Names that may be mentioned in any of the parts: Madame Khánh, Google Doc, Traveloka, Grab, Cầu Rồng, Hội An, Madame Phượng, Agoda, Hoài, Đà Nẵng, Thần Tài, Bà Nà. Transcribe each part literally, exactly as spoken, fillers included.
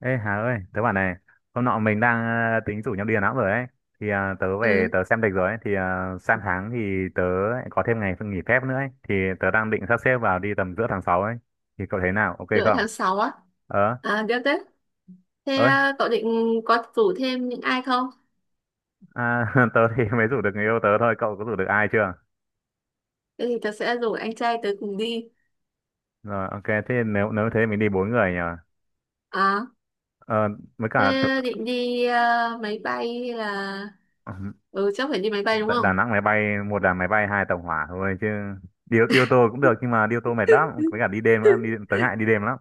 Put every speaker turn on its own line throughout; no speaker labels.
Ê Hà ơi, tớ bảo này, hôm nọ mình đang ờ, tính rủ nhau đi Đà Nẵng rồi ấy. Thì ờ, tớ về
Ừ,
tớ xem lịch rồi ấy, thì ờ, sang tháng thì tớ lại có thêm ngày nghỉ phép nữa ấy. Thì tớ đang định sắp xếp vào đi tầm giữa tháng sáu ấy. Thì cậu thấy nào, ok
rưỡi
không?
tháng sáu á.
Ờ,
À, được đấy. Thế
ơi,
à, cậu định có rủ thêm những ai không?
à, tớ thì mới rủ được người yêu tớ thôi, cậu có rủ được ai chưa?
Thế thì tớ sẽ rủ anh trai tớ cùng đi.
Rồi, ok, thế nếu nếu thế mình đi bốn người nhỉ?
À,
Ờ, với
thế
cả tớ-
định đi à, máy bay hay là. Ừ, chắc phải đi máy bay đúng
Đà Đà
không?
Nẵng máy bay, một là máy bay, hai tàu hỏa thôi chứ. Đi, đi ô tô cũng được nhưng mà đi ô tô mệt lắm, với cả đi đêm nữa, đi, tớ ngại đi đêm lắm.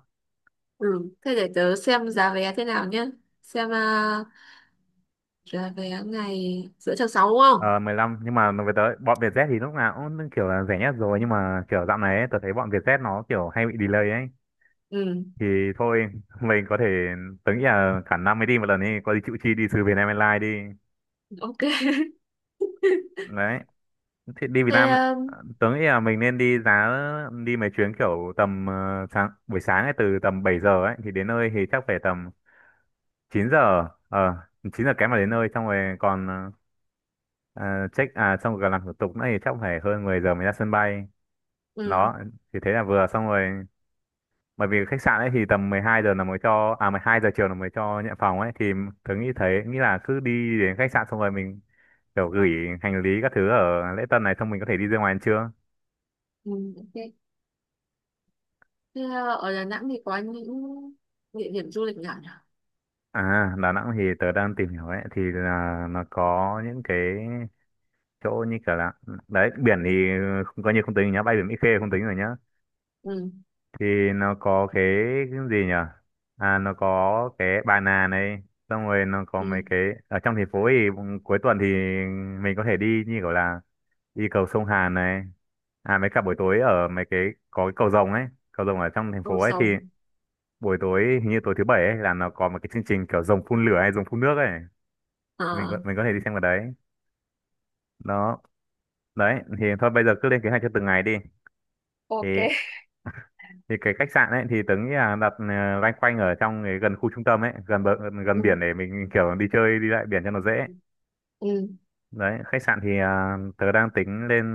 Ừ, thế để tớ xem giá vé thế nào nhé. Xem à, giá vé ngày giữa tháng sáu đúng không?
Ờ, mười lăm nhưng mà nó về tới bọn Vietjet thì lúc nào cũng kiểu là rẻ nhất rồi, nhưng mà kiểu dạo này ấy, tôi thấy bọn Vietjet nó kiểu hay bị delay ấy,
Ừ,
thì thôi mình có thể, tớ nghĩ là cả năm mới đi một lần đi có gì chịu chi đi từ Vietnam Airlines đi.
ok.
Đấy thì đi Việt
Thế,
Nam,
um,
ờ, tớ nghĩ là mình nên đi giá, đi mấy chuyến kiểu tầm ờ, sáng buổi sáng ấy từ tầm bảy giờ ấy thì đến nơi thì chắc phải tầm chín giờ ờ chín giờ kém mà đến nơi xong rồi còn ờ, check à xong rồi còn làm thủ tục nữa thì chắc phải hơn mười giờ mới ra sân bay.
ừ,
Đó thì thế là vừa xong rồi, bởi vì khách sạn ấy thì tầm mười hai giờ là mới cho, à mười hai giờ chiều là mới cho nhận phòng ấy, thì tớ nghĩ thấy nghĩ là cứ đi đến khách sạn xong rồi mình kiểu gửi hành lý các thứ ở lễ tân này xong mình có thể đi ra ngoài ăn trưa.
ừ, ok. Thế à, ở Đà Nẵng thì có những địa điểm du lịch nào nhỉ?
À Đà Nẵng thì tớ đang tìm hiểu ấy thì là nó có những cái chỗ như kiểu là, đấy biển thì không, coi như không tính nhá, bay biển Mỹ Khê không tính rồi nhá,
Ừ,
thì nó có cái cái gì nhở? À nó có cái bà nà này, xong rồi nó có mấy
ừ,
cái ở trong thành phố thì cuối tuần thì mình có thể đi như kiểu là đi cầu sông Hàn này, à mấy cả buổi tối ở mấy cái, có cái cầu rồng ấy, cầu rồng ở trong thành phố
Cầu
ấy thì
Rồng.
buổi tối hình như tối thứ bảy ấy là nó có một cái chương trình kiểu rồng phun lửa hay rồng phun nước ấy. Mình có,
À.
mình có thể đi xem vào đấy. Đó, đấy thì thôi bây giờ cứ lên kế hoạch cho từng ngày đi. thì
Ok,
thì cái khách sạn ấy thì tớ nghĩ là đặt ờ, loanh quanh ở trong cái gần khu trung tâm ấy gần bờ,
ừ,
gần biển để mình kiểu đi chơi đi lại biển cho nó dễ.
ừ,
Đấy khách sạn thì à, tớ đang tính lên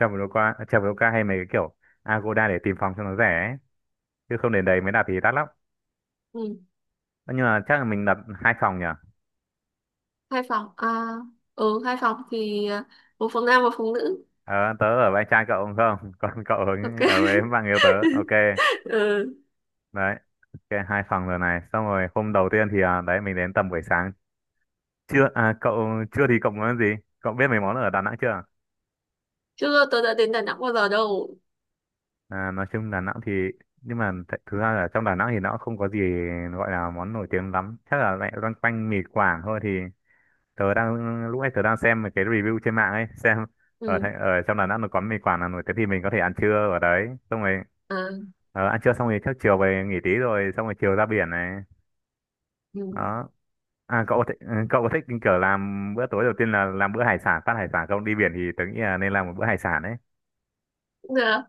Traveloka Traveloka hay mấy cái kiểu Agoda để tìm phòng cho nó rẻ ấy. Chứ không đến đấy mới đặt thì đắt lắm,
ừ,
nhưng mà chắc là mình đặt hai phòng nhỉ.
hai phòng à? Ừ, hai phòng thì à, một phòng nam một phòng nữ.
Ờ, tớ ở với anh trai cậu đúng không còn cậu ở,
Ok.
ở với bạn yêu tớ ok.
Ừ,
Đấy ok hai phòng rồi này, xong rồi hôm đầu tiên thì à, đấy mình đến tầm buổi sáng, chưa à, cậu chưa thì cậu muốn ăn gì, cậu biết mấy món ở Đà Nẵng chưa.
chưa, tôi đã đến Đà Nẵng bao giờ đâu.
À, nói chung Đà Nẵng thì, nhưng mà th thực ra là trong Đà Nẵng thì nó không có gì gọi là món nổi tiếng lắm, chắc là lại loanh quanh mì Quảng thôi, thì tớ đang lúc ấy tớ đang xem một cái review trên mạng ấy xem ở
Ừ,
thành- ở trong Đà Nẵng nó có mì Quảng là nổi tiếng thì mình có thể ăn trưa ở đấy xong rồi.
à,
Ờ, ăn trưa xong rồi trước chiều về nghỉ tí rồi xong rồi chiều ra biển này.
ừ,
Đó, à cậu có thích, ừ, cậu có thích kiểu làm bữa tối đầu tiên là làm bữa hải sản phát, hải sản không, đi biển thì tớ nghĩ là nên làm một bữa hải sản ấy.
cũng được.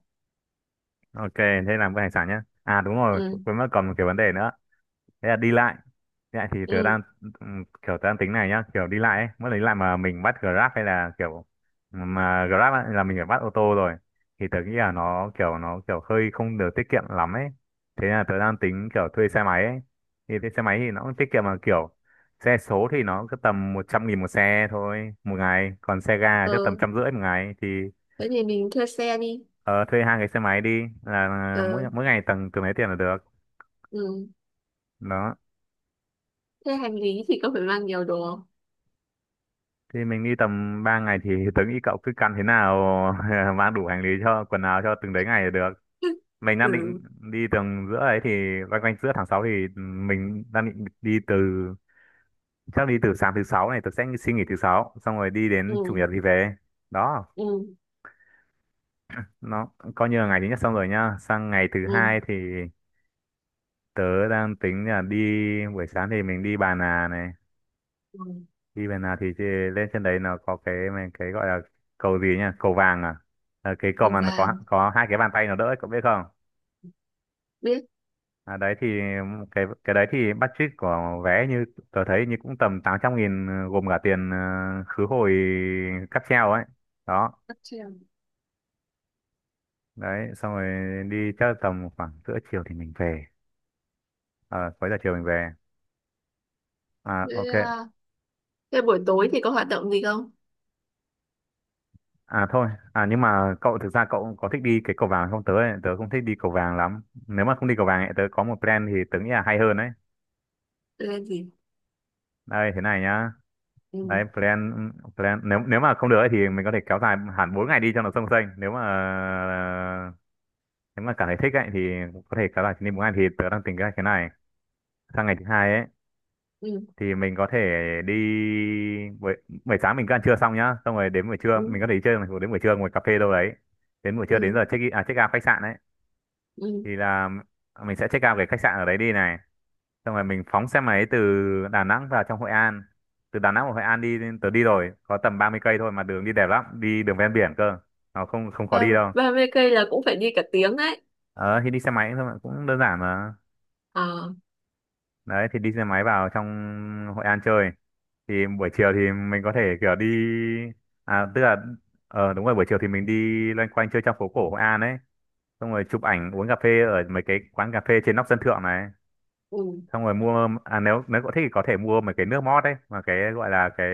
Ok thế làm bữa hải sản nhá, à đúng rồi
Ừ,
quên mất còn một cái vấn đề nữa, thế là đi lại. Dạ thì tớ
ừ,
đang, ừm, kiểu tớ đang tính này nhá, kiểu đi lại ấy, mỗi lần đi lại mà mình bắt Grab hay là kiểu mà Grab ấy, là mình phải bắt ô tô rồi, thì tớ nghĩ là nó kiểu nó kiểu hơi không được tiết kiệm lắm ấy. Thế là tớ đang tính kiểu thuê xe máy ấy. Thì thuê xe máy thì nó cũng tiết kiệm mà kiểu xe số thì nó cứ tầm một trăm nghìn một xe thôi một ngày, còn xe ga chắc tầm
ừ,
trăm rưỡi một ngày thì
thế thì mình thuê xe đi.
ờ, thuê hai cái xe máy đi là à, mỗi
Ừ,
mỗi ngày tầm từng lấy tiền là được.
ừ,
Đó.
thế hành lý thì có phải mang nhiều đồ không?
Thì mình đi tầm ba ngày thì tớ nghĩ cậu cứ căn thế nào mang đủ hành lý cho quần áo cho từng đấy ngày là được. Mình đang
Ừ,
định đi tầm giữa ấy thì quanh quanh giữa tháng sáu thì ừ, mình đang định đi từ, chắc đi từ sáng thứ sáu này tớ sẽ xin nghỉ thứ sáu xong rồi đi
ừ,
đến chủ nhật thì về. Đó,
ừ,
nó coi như là ngày thứ nhất xong rồi nhá. Sang ngày thứ
ừ,
hai thì tớ đang tính là đi buổi sáng thì mình đi Bà Nà này,
ừ,
đi bên nào thì chị lên trên đấy nó có cái mà- cái gọi là cầu gì nhá, cầu vàng à. Ờ, cái cầu
Hồng
mà nó có
vàng,
có hai cái bàn tay nó đỡ ấy, cậu biết không.
biết,
À, đấy thì cái cái đấy thì budget của vé như tôi thấy như cũng tầm tám trăm nghìn ờ, gồm cả tiền ờ, khứ hồi cáp treo ấy. Đó
bắt trèo.
đấy xong rồi đi chắc tầm khoảng giữa chiều thì mình về. Ờ, cuối giờ chiều mình về, à,
Thế,
ok.
à, thế buổi tối thì có hoạt động gì không?
À thôi, à nhưng mà cậu thực ra cậu có thích đi cái cầu vàng không? Tớ ấy, tớ không thích đi cầu vàng lắm. Nếu mà không đi cầu vàng ấy, tớ có một plan thì tớ nghĩ là hay hơn đấy.
Tôi lên gì.
Đây thế này nhá. Đấy
Ừ.
plan plan nếu nếu mà không được ấy, thì mình có thể kéo dài hẳn bốn ngày đi cho nó xông xênh. Nếu mà nếu mà cảm thấy thích ấy thì có thể kéo dài chuyến đi bốn ngày thì tớ đang tính cái thế này. Sang ngày thứ hai ấy
Ừ.
thì mình có thể đi buổi buổi sáng mình cứ ăn trưa xong nhá, xong rồi đến buổi trưa
Ừ,
mình có thể đi chơi đến buổi trưa ngồi cà phê đâu đấy. Đến buổi trưa đến
ừ,
giờ check in à check out khách sạn ấy
ừ.
thì là mình sẽ check out cái khách sạn ở đấy đi này, xong rồi mình phóng xe máy từ Đà Nẵng vào trong Hội An, từ Đà Nẵng vào Hội An đi tớ đi rồi có tầm ba mươi cây thôi mà đường đi đẹp lắm, đi đường ven biển cơ, nó không, không có
Ba,
đi đâu.
ba mươi cây là cũng phải đi cả tiếng đấy.
Ờ thì đi xe máy thôi mà, cũng đơn giản mà.
Ờ,
Đấy thì đi xe máy vào trong Hội An chơi, thì buổi chiều thì mình có thể kiểu đi à tức là, ờ đúng rồi buổi chiều thì mình đi loanh quanh chơi trong phố cổ Hội An ấy xong rồi chụp ảnh uống cà phê ở mấy cái quán cà phê trên nóc sân thượng này,
ừ.
xong rồi mua à nếu nếu cậu thích thì có thể mua mấy cái nước mót đấy mà cái gọi là cái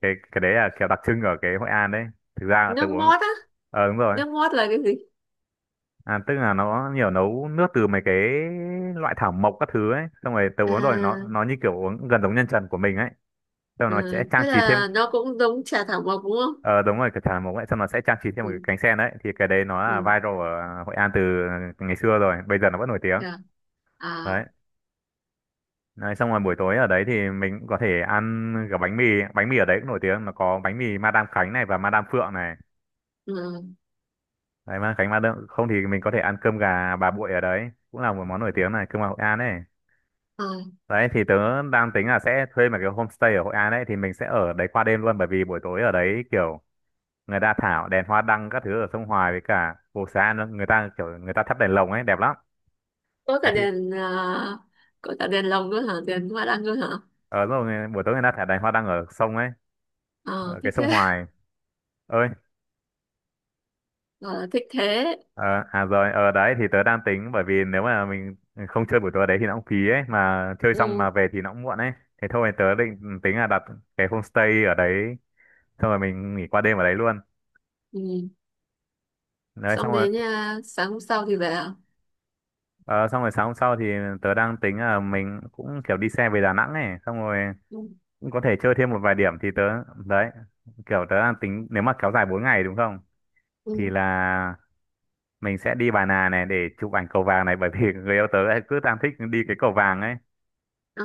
cái cái đấy là kiểu đặc trưng ở cái Hội An đấy, thực ra là tớ
Nước
uống.
mót á.
Ờ đúng rồi,
Nước mót là cái gì?
à tức là nó nhiều nấu nước từ mấy cái loại thảo mộc các thứ ấy, xong rồi tớ uống rồi nó
à,
nó như kiểu uống gần giống nhân trần của mình ấy, xong
à,
nó sẽ trang
thế
trí thêm.
là nó cũng giống trà thảo mộc đúng không?
Ờ đúng rồi cái thảo mộc ấy xong nó sẽ trang trí thêm một cái
Ừ,
cánh sen, đấy thì cái đấy nó là
ừ,
viral ở Hội An từ ngày xưa rồi bây giờ nó vẫn nổi tiếng.
dạ. À,
Đấy, đấy, xong rồi buổi tối ở đấy thì mình cũng có thể ăn cả bánh mì, bánh mì ở đấy cũng nổi tiếng, nó có bánh mì Madame Khánh này và Madame Phượng này,
ừ,
đấy Madame Khánh Madame, không thì mình có thể ăn cơm gà bà Bụi ở đấy cũng là một món nổi tiếng này, cơm gà Hội An ấy.
à,
Đấy thì tớ đang tính là sẽ thuê một cái homestay ở Hội An ấy, thì mình sẽ ở đấy qua đêm luôn, bởi vì buổi tối ở đấy kiểu người ta thả đèn hoa đăng các thứ ở sông Hoài, với cả phố xá nữa, người ta kiểu người ta thắp đèn lồng ấy, đẹp lắm.
có cả
Đấy thì
đèn à, có cả đèn lồng nữa hả? Đèn hoa đăng nữa hả?
ở rồi buổi tối người ta thả đèn hoa đăng ở sông ấy,
Ờ,
ở cái
thích thế.
sông Hoài ơi.
Ờ, thích thế.
Ờ, à rồi, ở đấy thì tớ đang tính, bởi vì nếu mà mình không chơi buổi tối đấy thì nó cũng phí ấy, mà chơi xong
Ừ,
mà về thì nó cũng muộn ấy. Thế thôi tớ định tính là đặt cái homestay ở đấy, xong rồi mình nghỉ qua đêm ở đấy luôn.
ừ.
Đấy,
Xong
xong rồi,
đến à, sáng hôm sau thì về à?
ờ, xong rồi sáng hôm sau thì tớ đang tính là mình cũng kiểu đi xe về Đà Nẵng này, xong rồi
Ừ,
cũng có thể chơi thêm một vài điểm thì tớ, đấy, kiểu tớ đang tính nếu mà kéo dài bốn ngày đúng không? Thì
ừ.
là mình sẽ đi Bà Nà này để chụp ảnh cầu vàng này, bởi vì người yêu tớ ấy cứ đang thích đi cái cầu vàng ấy.
Ờ,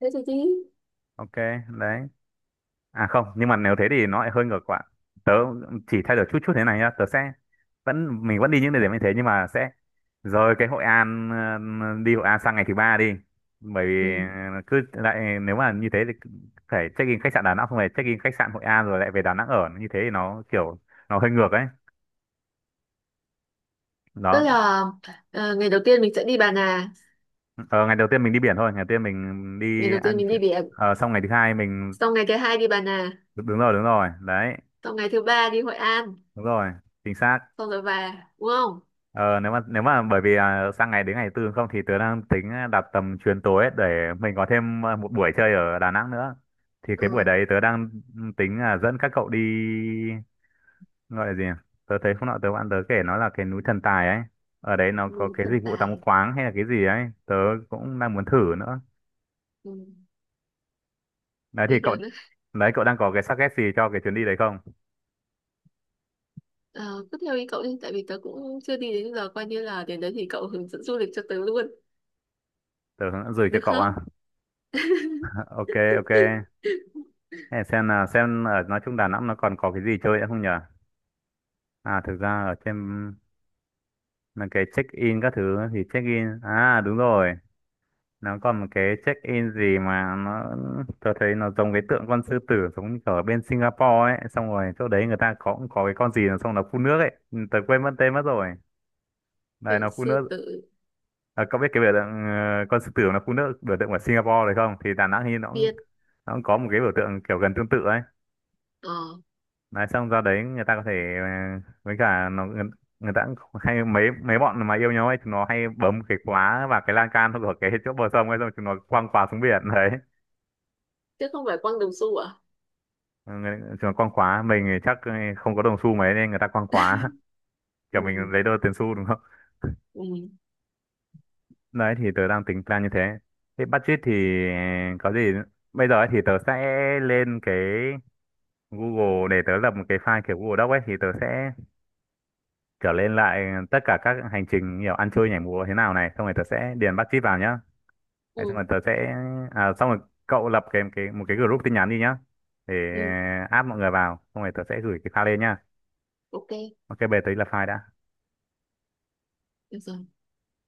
thế thì đi.
Ok, đấy. À không, nhưng mà nếu thế thì nó lại hơi ngược lại. Tớ chỉ thay đổi chút chút thế này nhá, tớ sẽ vẫn mình vẫn đi những địa điểm như thế, nhưng mà sẽ rời cái Hội An, ờ, đi Hội An sang ngày thứ ba đi. Bởi vì
Ừ.
ờ, cứ lại nếu mà như thế thì cứ phải check-in khách sạn Đà Nẵng xong rồi check-in khách sạn Hội An rồi lại về Đà Nẵng ở, như thế thì nó kiểu nó hơi ngược ấy.
Tức
Đó.
là ờ, ngày đầu tiên mình sẽ đi Bà Nà.
Ờ, ngày đầu tiên mình đi biển thôi, ngày đầu tiên mình
Ngày
đi
đầu tiên
ăn,
mình đi biển.
ờ, xong ngày thứ hai mình
Xong ngày thứ hai đi Bà Nà.
đúng rồi đúng rồi. Đấy,
Xong ngày thứ ba đi Hội An.
đúng rồi, chính xác.
Xong rồi về, đúng không?
Ờ, nếu mà nếu mà bởi vì à, sang ngày đến ngày tư không thì tớ đang tính đặt tầm chuyến tối ấy, để mình có thêm à, một buổi chơi ở Đà Nẵng nữa. Thì cái buổi
Ừ,
đấy tớ đang tính là dẫn các cậu đi, gọi là gì nhỉ? Tớ thấy hôm nọ tớ bạn tớ kể nó là cái núi Thần Tài ấy. Ở đấy nó có
ừ,
cái dịch
thần
vụ tắm
tài.
khoáng hay là cái gì ấy, tớ cũng đang muốn thử nữa.
Ừ,
Đấy thì
nghe
cậu,
được đấy.
đấy cậu đang có cái suggest gì cho cái chuyến đi đấy không?
Ờ, cứ theo ý cậu đi, tại vì tớ cũng chưa đi, đến giờ coi như là đến đấy thì cậu hướng dẫn du lịch cho tớ luôn.
Tớ gửi cho
Được
cậu à.
không?
Ok, ok. Thế xem là xem ở nói chung Đà Nẵng nó còn có cái gì chơi nữa không nhỉ? À thực ra ở trên là cái check in các thứ thì check in, à đúng rồi, nó còn một cái check in gì mà nó, tôi thấy nó giống cái tượng con sư tử giống như ở bên Singapore ấy, xong rồi chỗ đấy người ta có cũng có cái con gì nó, xong nó phun nước ấy. Ừ, tớ quên mất tên mất rồi, đây
Tượng
nó phun
sư
nước.
tử,
À, cậu biết cái biểu tượng ờ, con sư tử nó phun nước, biểu tượng của Singapore đấy không? Thì Đà Nẵng thì nó cũng,
biết.
nó cũng có một cái biểu tượng kiểu gần tương tự ấy.
ờ
Nói xong ra đấy người ta có thể ờ, với cả nó người, người ta cũng hay mấy mấy bọn mà yêu nhau ấy, chúng nó hay bấm cái khóa và cái lan can của cái chỗ bờ sông ấy, xong chúng nó quăng khóa xuống biển đấy.
Chứ không phải quăng đồng xu à?
Ừ, người- chúng nó quăng khóa, mình thì chắc ờ, không có đồng xu mấy nên người ta quăng khóa. Kiểu mình
Ừ,
lấy đôi tiền xu đúng không?
ừ,
Đấy thì tớ đang tính plan như thế, thế budget thì ờ, có gì bây giờ ấy thì tớ sẽ lên cái Google để tớ lập một cái file kiểu Google Doc ấy, thì tớ sẽ kiểu lên lại tất cả các hành trình kiểu ăn chơi nhảy múa thế nào này, xong rồi tớ sẽ điền bắt chít vào nhá. Đấy, xong
ừ,
rồi tớ sẽ à, xong rồi cậu lập cái cái một cái group tin nhắn đi nhá, để
ừ,
add mọi người vào, xong rồi tớ sẽ gửi cái file lên nhá.
ok,
Ok, bây giờ tớ đi lập file đã.
được rồi.